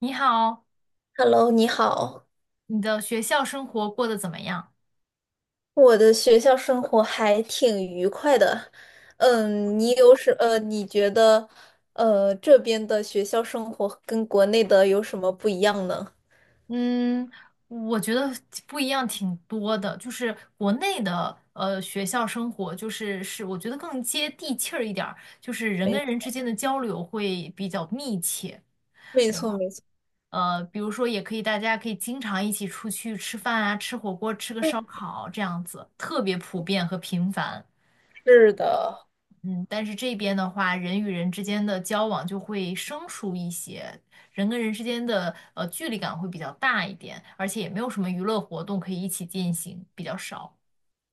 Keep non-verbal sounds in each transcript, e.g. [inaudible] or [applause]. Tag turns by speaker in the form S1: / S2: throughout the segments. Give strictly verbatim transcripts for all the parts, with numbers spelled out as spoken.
S1: 你好，
S2: Hello，你好，
S1: 你的学校生活过得怎么样？
S2: 我的学校生活还挺愉快的。嗯，你有什呃，你觉得呃这边的学校生活跟国内的有什么不一样呢？
S1: 嗯，我觉得不一样挺多的，就是国内的呃学校生活，就是是我觉得更接地气儿一点儿，就是人
S2: 没，
S1: 跟人之间的交流会比较密切。
S2: 没错，没错。
S1: 呃，比如说也可以，大家可以经常一起出去吃饭啊，吃火锅，吃个烧
S2: 嗯，
S1: 烤这样子，特别普遍和频繁。
S2: 是的。
S1: 嗯，但是这边的话，人与人之间的交往就会生疏一些，人跟人之间的呃距离感会比较大一点，而且也没有什么娱乐活动可以一起进行，比较少。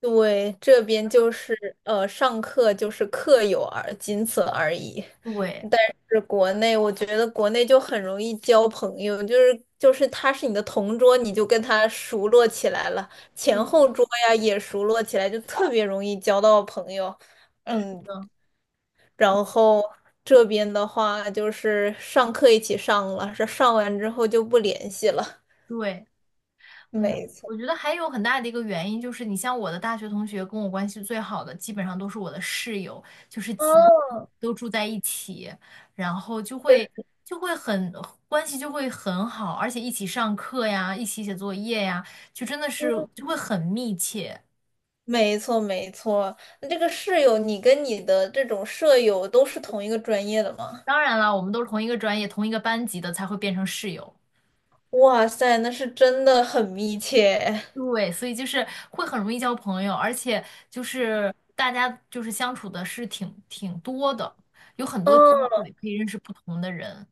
S2: 对，这边就是呃，上课就是课友而仅此而已。
S1: 对，
S2: 但是国内，我觉得国内就很容易交朋友，就是就是他是你的同桌，你就跟他熟络起来了，前
S1: 对，
S2: 后桌呀也熟络起来，就特别容易交到朋友。
S1: 是
S2: 嗯，
S1: 的，
S2: 然后这边的话就是上课一起上了，上上完之后就不联系了。
S1: 对。嗯，
S2: 没错。
S1: 我觉得还有很大的一个原因就是，你像我的大学同学，跟我关系最好的，基本上都是我的室友，就是几
S2: 哦，
S1: 都住在一起，然后就会就会很关系就会很好，而且一起上课呀，一起写作业呀，就真的是就会很密切。
S2: 没错，没错。那这个室友，你跟你的这种舍友都是同一个专业的吗？
S1: 当然了，我们都是同一个专业、同一个班级的，才会变成室友。
S2: 哇塞，那是真的很密切。
S1: 对，所以就是会很容易交朋友，而且就是大家就是相处的是挺挺多的，有很多机
S2: 嗯，
S1: 会可以认识不同的人。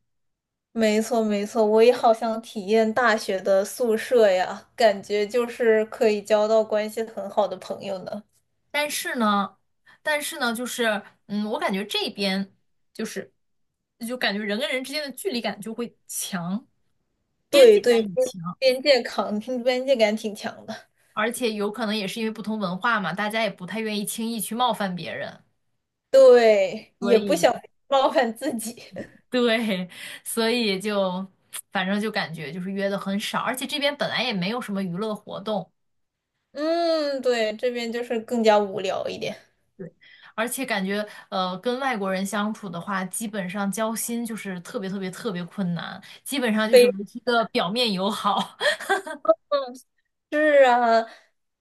S2: 没错，没错。我也好想体验大学的宿舍呀，感觉就是可以交到关系很好的朋友呢。
S1: 但是呢，但是呢，就是嗯，我感觉这边就是就感觉人跟人之间的距离感就会强，边
S2: 对
S1: 界感
S2: 对，
S1: 也
S2: 边
S1: 强，
S2: 边界感，边界感挺强的。
S1: 而且有可能也是因为不同文化嘛，大家也不太愿意轻易去冒犯别人，
S2: 对，
S1: 所
S2: 也不
S1: 以。
S2: 想冒犯自己。[laughs]
S1: [laughs] 对，所以就反正就感觉就是约的很少，而且这边本来也没有什么娱乐活动，
S2: 嗯，对，这边就是更加无聊一点。
S1: 对，而且感觉呃跟外国人相处的话，基本上交心就是特别特别特别困难，基本上就是维
S2: [laughs]
S1: 持一个表面友好。[laughs]
S2: 是啊，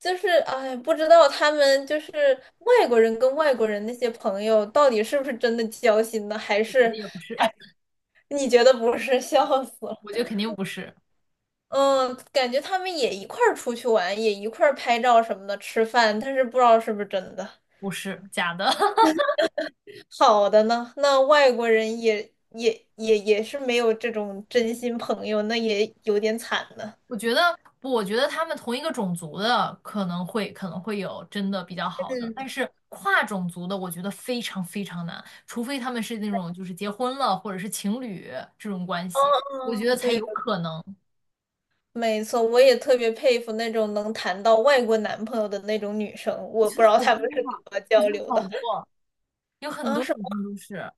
S2: 就是哎，不知道他们就是外国人跟外国人那些朋友到底是不是真的交心呢，还
S1: 我觉
S2: 是
S1: 得也不是。
S2: 还
S1: [laughs]
S2: 你觉得不是？[laughs] 笑死
S1: 我觉
S2: 了。
S1: 得肯定不是，
S2: 嗯，感觉他们也一块儿出去玩，也一块儿拍照什么的，吃饭，但是不知道是不是真的。
S1: 不是假的。[laughs]
S2: 好的呢，那外国人也也也也是没有这种真心朋友，那也有点惨呢。
S1: 我觉得不，我觉得他们同一个种族的可能会可能会有真的比较好的，但
S2: 嗯，
S1: 是跨种族的，我觉得非常非常难，除非他们是那种就是结婚了或者是情侣这种关
S2: 哦，
S1: 系，我觉得
S2: 哦，
S1: 才
S2: 对。
S1: 有可能。
S2: 没错，我也特别佩服那种能谈到外国男朋友的那种女生，
S1: 我
S2: 我
S1: 觉
S2: 不知
S1: 得
S2: 道
S1: 好
S2: 她
S1: 多
S2: 们是
S1: 啊，
S2: 怎么
S1: 我
S2: 交
S1: 觉得
S2: 流
S1: 好
S2: 的。
S1: 多，有很
S2: 啊？
S1: 多
S2: 什
S1: 女生
S2: 么？
S1: 都是，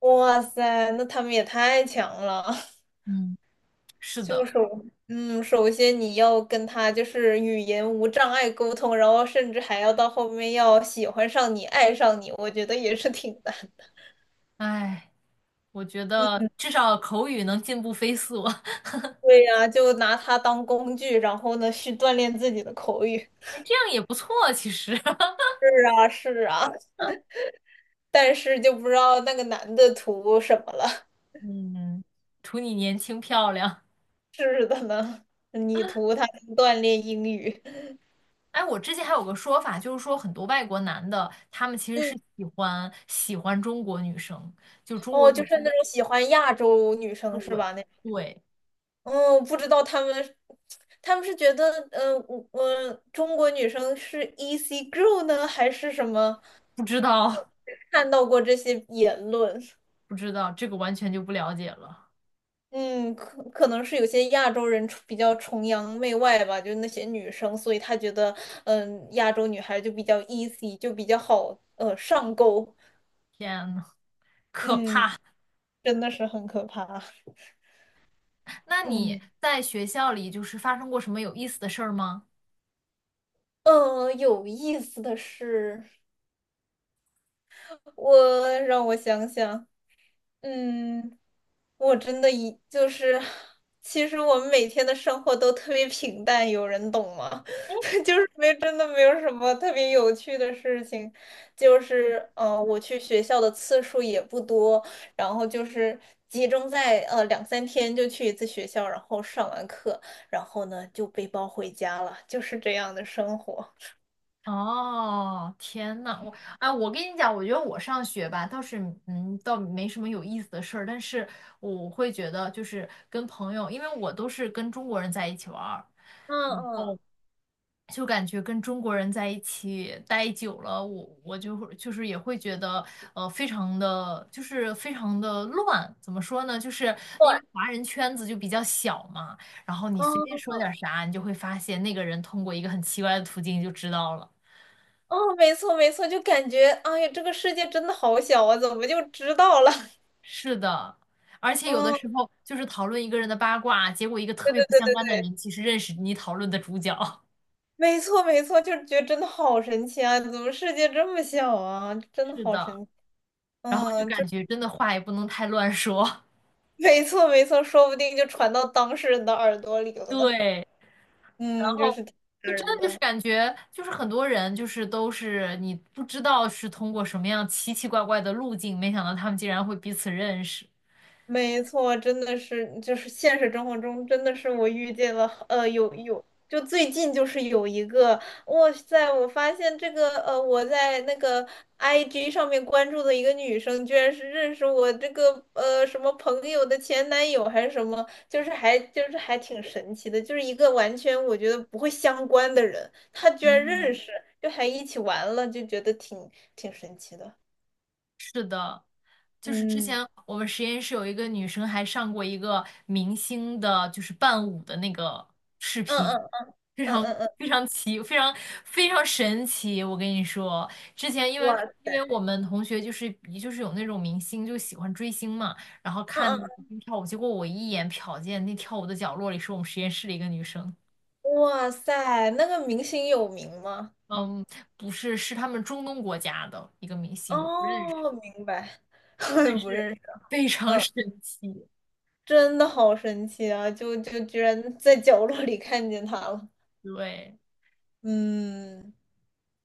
S2: 哇塞，那她们也太强了！[laughs]
S1: 嗯，是的。
S2: 就是，嗯，首先你要跟他就是语言无障碍沟通，然后甚至还要到后面要喜欢上你、爱上你，我觉得也是挺难。
S1: 哎，我觉得至少口语能进步飞速。[laughs]
S2: 对呀，就拿它当工具，然后呢去锻炼自己的口语。
S1: 哎，这样也不错，其实。[laughs]
S2: 是啊，是啊，但是就不知道那个男的图什么了。
S1: 嗯，图你年轻漂亮。
S2: 是的呢。[laughs] 你图他锻炼英语。
S1: 哎，我之前还有个说法，就是说很多外国男的，他们其实
S2: 嗯，
S1: 是喜欢喜欢中国女生，就中国
S2: 哦，就
S1: 女
S2: 是
S1: 生，
S2: 那种喜欢亚洲女生是吧？那，
S1: 对，
S2: 嗯，不知道他们，他们是觉得，嗯，我、我中国女生是 easy girl 呢，还是什么？
S1: 不知道。
S2: 看到过这些言论。
S1: [laughs] 不知道，这个完全就不了解了。
S2: 嗯，可可能是有些亚洲人崇比较崇洋媚外吧，就是那些女生，所以他觉得，嗯，亚洲女孩就比较 easy，就比较好，呃，上钩。
S1: 天呐，
S2: 嗯，真的是很可怕。
S1: 那你
S2: 嗯。
S1: 在学校里就是发生过什么有意思的事儿吗？
S2: 嗯，有意思的是，我让我想想。嗯，我真的一就是，其实我们每天的生活都特别平淡，有人懂吗？[laughs] 就是没真的没有什么特别有趣的事情，就是呃，我去学校的次数也不多，然后就是集中在呃两三天就去一次学校，然后上完课，然后呢就背包回家了，就是这样的生活。
S1: 哦，天呐，我哎，我跟你讲，我觉得我上学吧，倒是嗯，倒没什么有意思的事儿，但是我会觉得就是跟朋友，因为我都是跟中国人在一起玩儿。
S2: 嗯嗯，
S1: 就感觉跟中国人在一起待久了，我我就会就是也会觉得，呃，非常的就是非常的乱。怎么说呢？就是因
S2: 对。
S1: 为华人圈子就比较小嘛，然后你随便说点啥，你就会发现那个人通过一个很奇怪的途径就知道了。
S2: 哦，没错没错，就感觉哎呀，这个世界真的好小啊，怎么就知道了？
S1: 是的，而
S2: [laughs]
S1: 且有的
S2: 嗯，
S1: 时候就是讨论一个人的八卦，结果一个特
S2: 对
S1: 别
S2: 对
S1: 不
S2: 对
S1: 相
S2: 对
S1: 干的
S2: 对，
S1: 人其实认识你讨论的主角。[laughs]
S2: 没错没错，就是觉得真的好神奇啊，怎么世界这么小啊？真的
S1: 是
S2: 好
S1: 的，
S2: 神奇。
S1: 然后就
S2: 嗯，就，
S1: 感觉真的话也不能太乱说。[laughs]
S2: 没错没错，说不定就传到当事人的耳朵里了呢。
S1: 对。然
S2: 嗯，就
S1: 后
S2: 是挺吓
S1: 就真
S2: 人
S1: 的就是
S2: 的。
S1: 感觉，就是很多人就是都是你不知道是通过什么样奇奇怪怪的路径，没想到他们竟然会彼此认识。
S2: 没错，真的是，就是现实生活中，真的是我遇见了，呃，有有，就最近就是有一个。哇塞，我发现这个，呃，我在那个 I G 上面关注的一个女生，居然是认识我这个，呃，什么朋友的前男友还是什么，就是还就是还挺神奇的，就是一个完全我觉得不会相关的人，他居然
S1: 嗯。
S2: 认识，就还一起玩了，就觉得挺挺神奇的。
S1: 就是之
S2: 嗯，
S1: 前我们实验室有一个女生还上过一个明星的，就是伴舞的那个视
S2: 嗯
S1: 频，
S2: 嗯
S1: 非
S2: 嗯
S1: 常
S2: 嗯嗯，
S1: 非常奇，非常非常神奇。我跟你说，之前因为因
S2: 我。
S1: 为我们同学就是就是有那种明星就喜欢追星嘛，然后
S2: 嗯
S1: 看那个
S2: 嗯，
S1: 明星跳舞，结果我一眼瞟见那跳舞的角落里是我们实验室的一个女生，
S2: 哇塞，那个明星有名吗？
S1: 嗯，不是，是他们中东国家的一个明星，我不认识，
S2: 哦，明白，
S1: 但
S2: [laughs] 不
S1: 是
S2: 认识。
S1: 非常
S2: 嗯，
S1: 神奇，
S2: 真的好神奇啊！就就居然在角落里看见他了。
S1: 对。
S2: 嗯，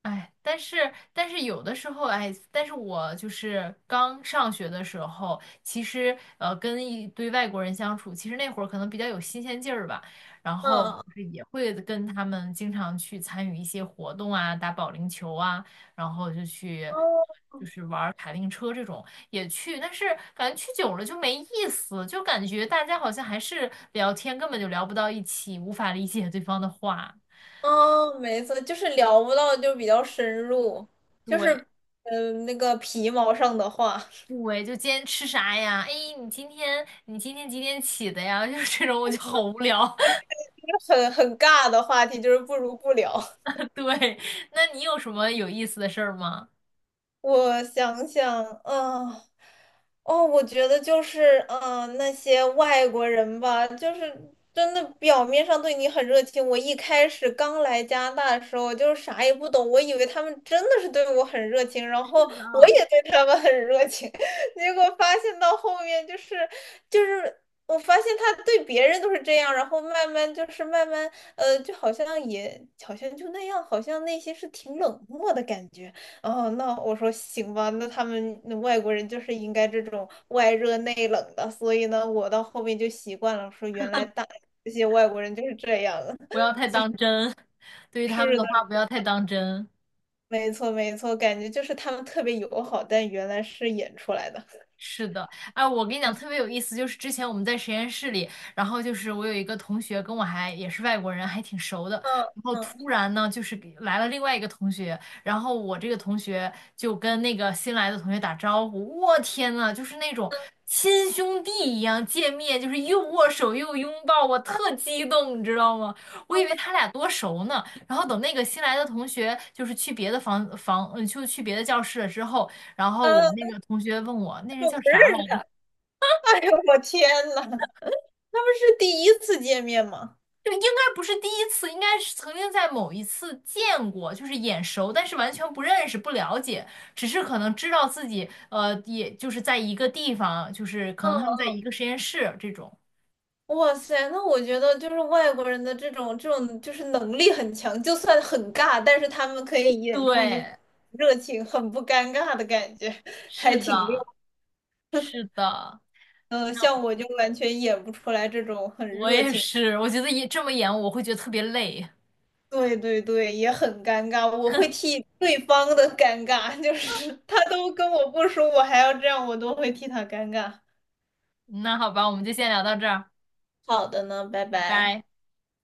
S1: 哎，但是但是有的时候，哎，但是我就是刚上学的时候，其实呃，跟一堆外国人相处，其实那会儿可能比较有新鲜劲儿吧，然后
S2: 嗯，
S1: 就是也会跟他们经常去参与一些活动啊，打保龄球啊，然后就去
S2: 哦，
S1: 就是玩儿卡丁车这种也去，但是感觉去久了就没意思，就感觉大家好像还是聊天根本就聊不到一起，无法理解对方的话，
S2: 哦，没错，就是聊不到，就比较深入，就是
S1: 对。
S2: 嗯、呃那个皮毛上的话，
S1: 对，就今天吃啥呀？哎，你今天你今天几点起的呀？[laughs] 就是这种，我就好无聊。
S2: [laughs] 很很尬的话题，就是不如不聊。
S1: [laughs] 对，那你有什么有意思的事儿吗？
S2: 我想想，嗯，哦，我觉得就是，嗯，那些外国人吧，就是真的表面上对你很热情。我一开始刚来加拿大的时候，就是啥也不懂，我以为他们真的是对我很热情，然后我也对他们很热情，[laughs] 结果发现到后面就是，就是我发现他对别人都是这样，然后慢慢就是慢慢，呃，就好像也好像就那样，好像内心是挺冷漠的感觉。哦，那我说行吧，那他们那外国人就是应该这种外热内冷的，所以呢，我到后面就习惯了，说原来大这些外国人就是这样的。
S1: 不
S2: [laughs]
S1: 要太当真，对于他们
S2: 是
S1: 的
S2: 的，
S1: 话不要太当真。
S2: 没错没错，感觉就是他们特别友好，但原来是演出来的。
S1: 是的，哎，我跟你讲特别有意思，就是之前我们在实验室里，然后就是我有一个同学跟我还也是外国人，还挺熟的，
S2: 嗯
S1: 然后
S2: 嗯
S1: 突然呢就是给来了另外一个同学，然后我这个同学就跟那个新来的同学打招呼，我天呐，就是那种亲兄弟一样见面，就是又握手又拥抱，我特激动，你知道吗？我以为他俩多熟呢，然后等那个新来的同学就是去别的房房，嗯，就去别的教室了之后。然后我
S2: 嗯，
S1: 那个同学问我，那
S2: 但是
S1: 人
S2: 我
S1: 叫
S2: 不
S1: 啥
S2: 认
S1: 来
S2: 识他。[laughs]
S1: 着？
S2: 哎呦，我天呐，他们是第一次见面吗？
S1: 就应该不是第一次，应该是曾经在某一次见过，就是眼熟，但是完全不认识、不了解，只是可能知道自己，呃，也就是在一个地方，就是可能他们在一个实验室这种。
S2: 哇塞，那我觉得就是外国人的这种这种就是能力很强，就算很尬，但是他们可以演出一副
S1: 对，
S2: 热情、很不尴尬的感觉，还
S1: 是
S2: 挺溜。
S1: 的，是的，
S2: 嗯、像我就完全演不出来这种很
S1: 我
S2: 热
S1: 也
S2: 情。
S1: 是，我觉得也这么演，我会觉得特别累。
S2: 对对对，也很尴尬，我会替对方的尴尬，就是他都跟我不熟，我还要这样，我都会替他尴尬。
S1: 那好吧，我们就先聊到这儿，
S2: 好的呢，拜
S1: 拜
S2: 拜。
S1: 拜。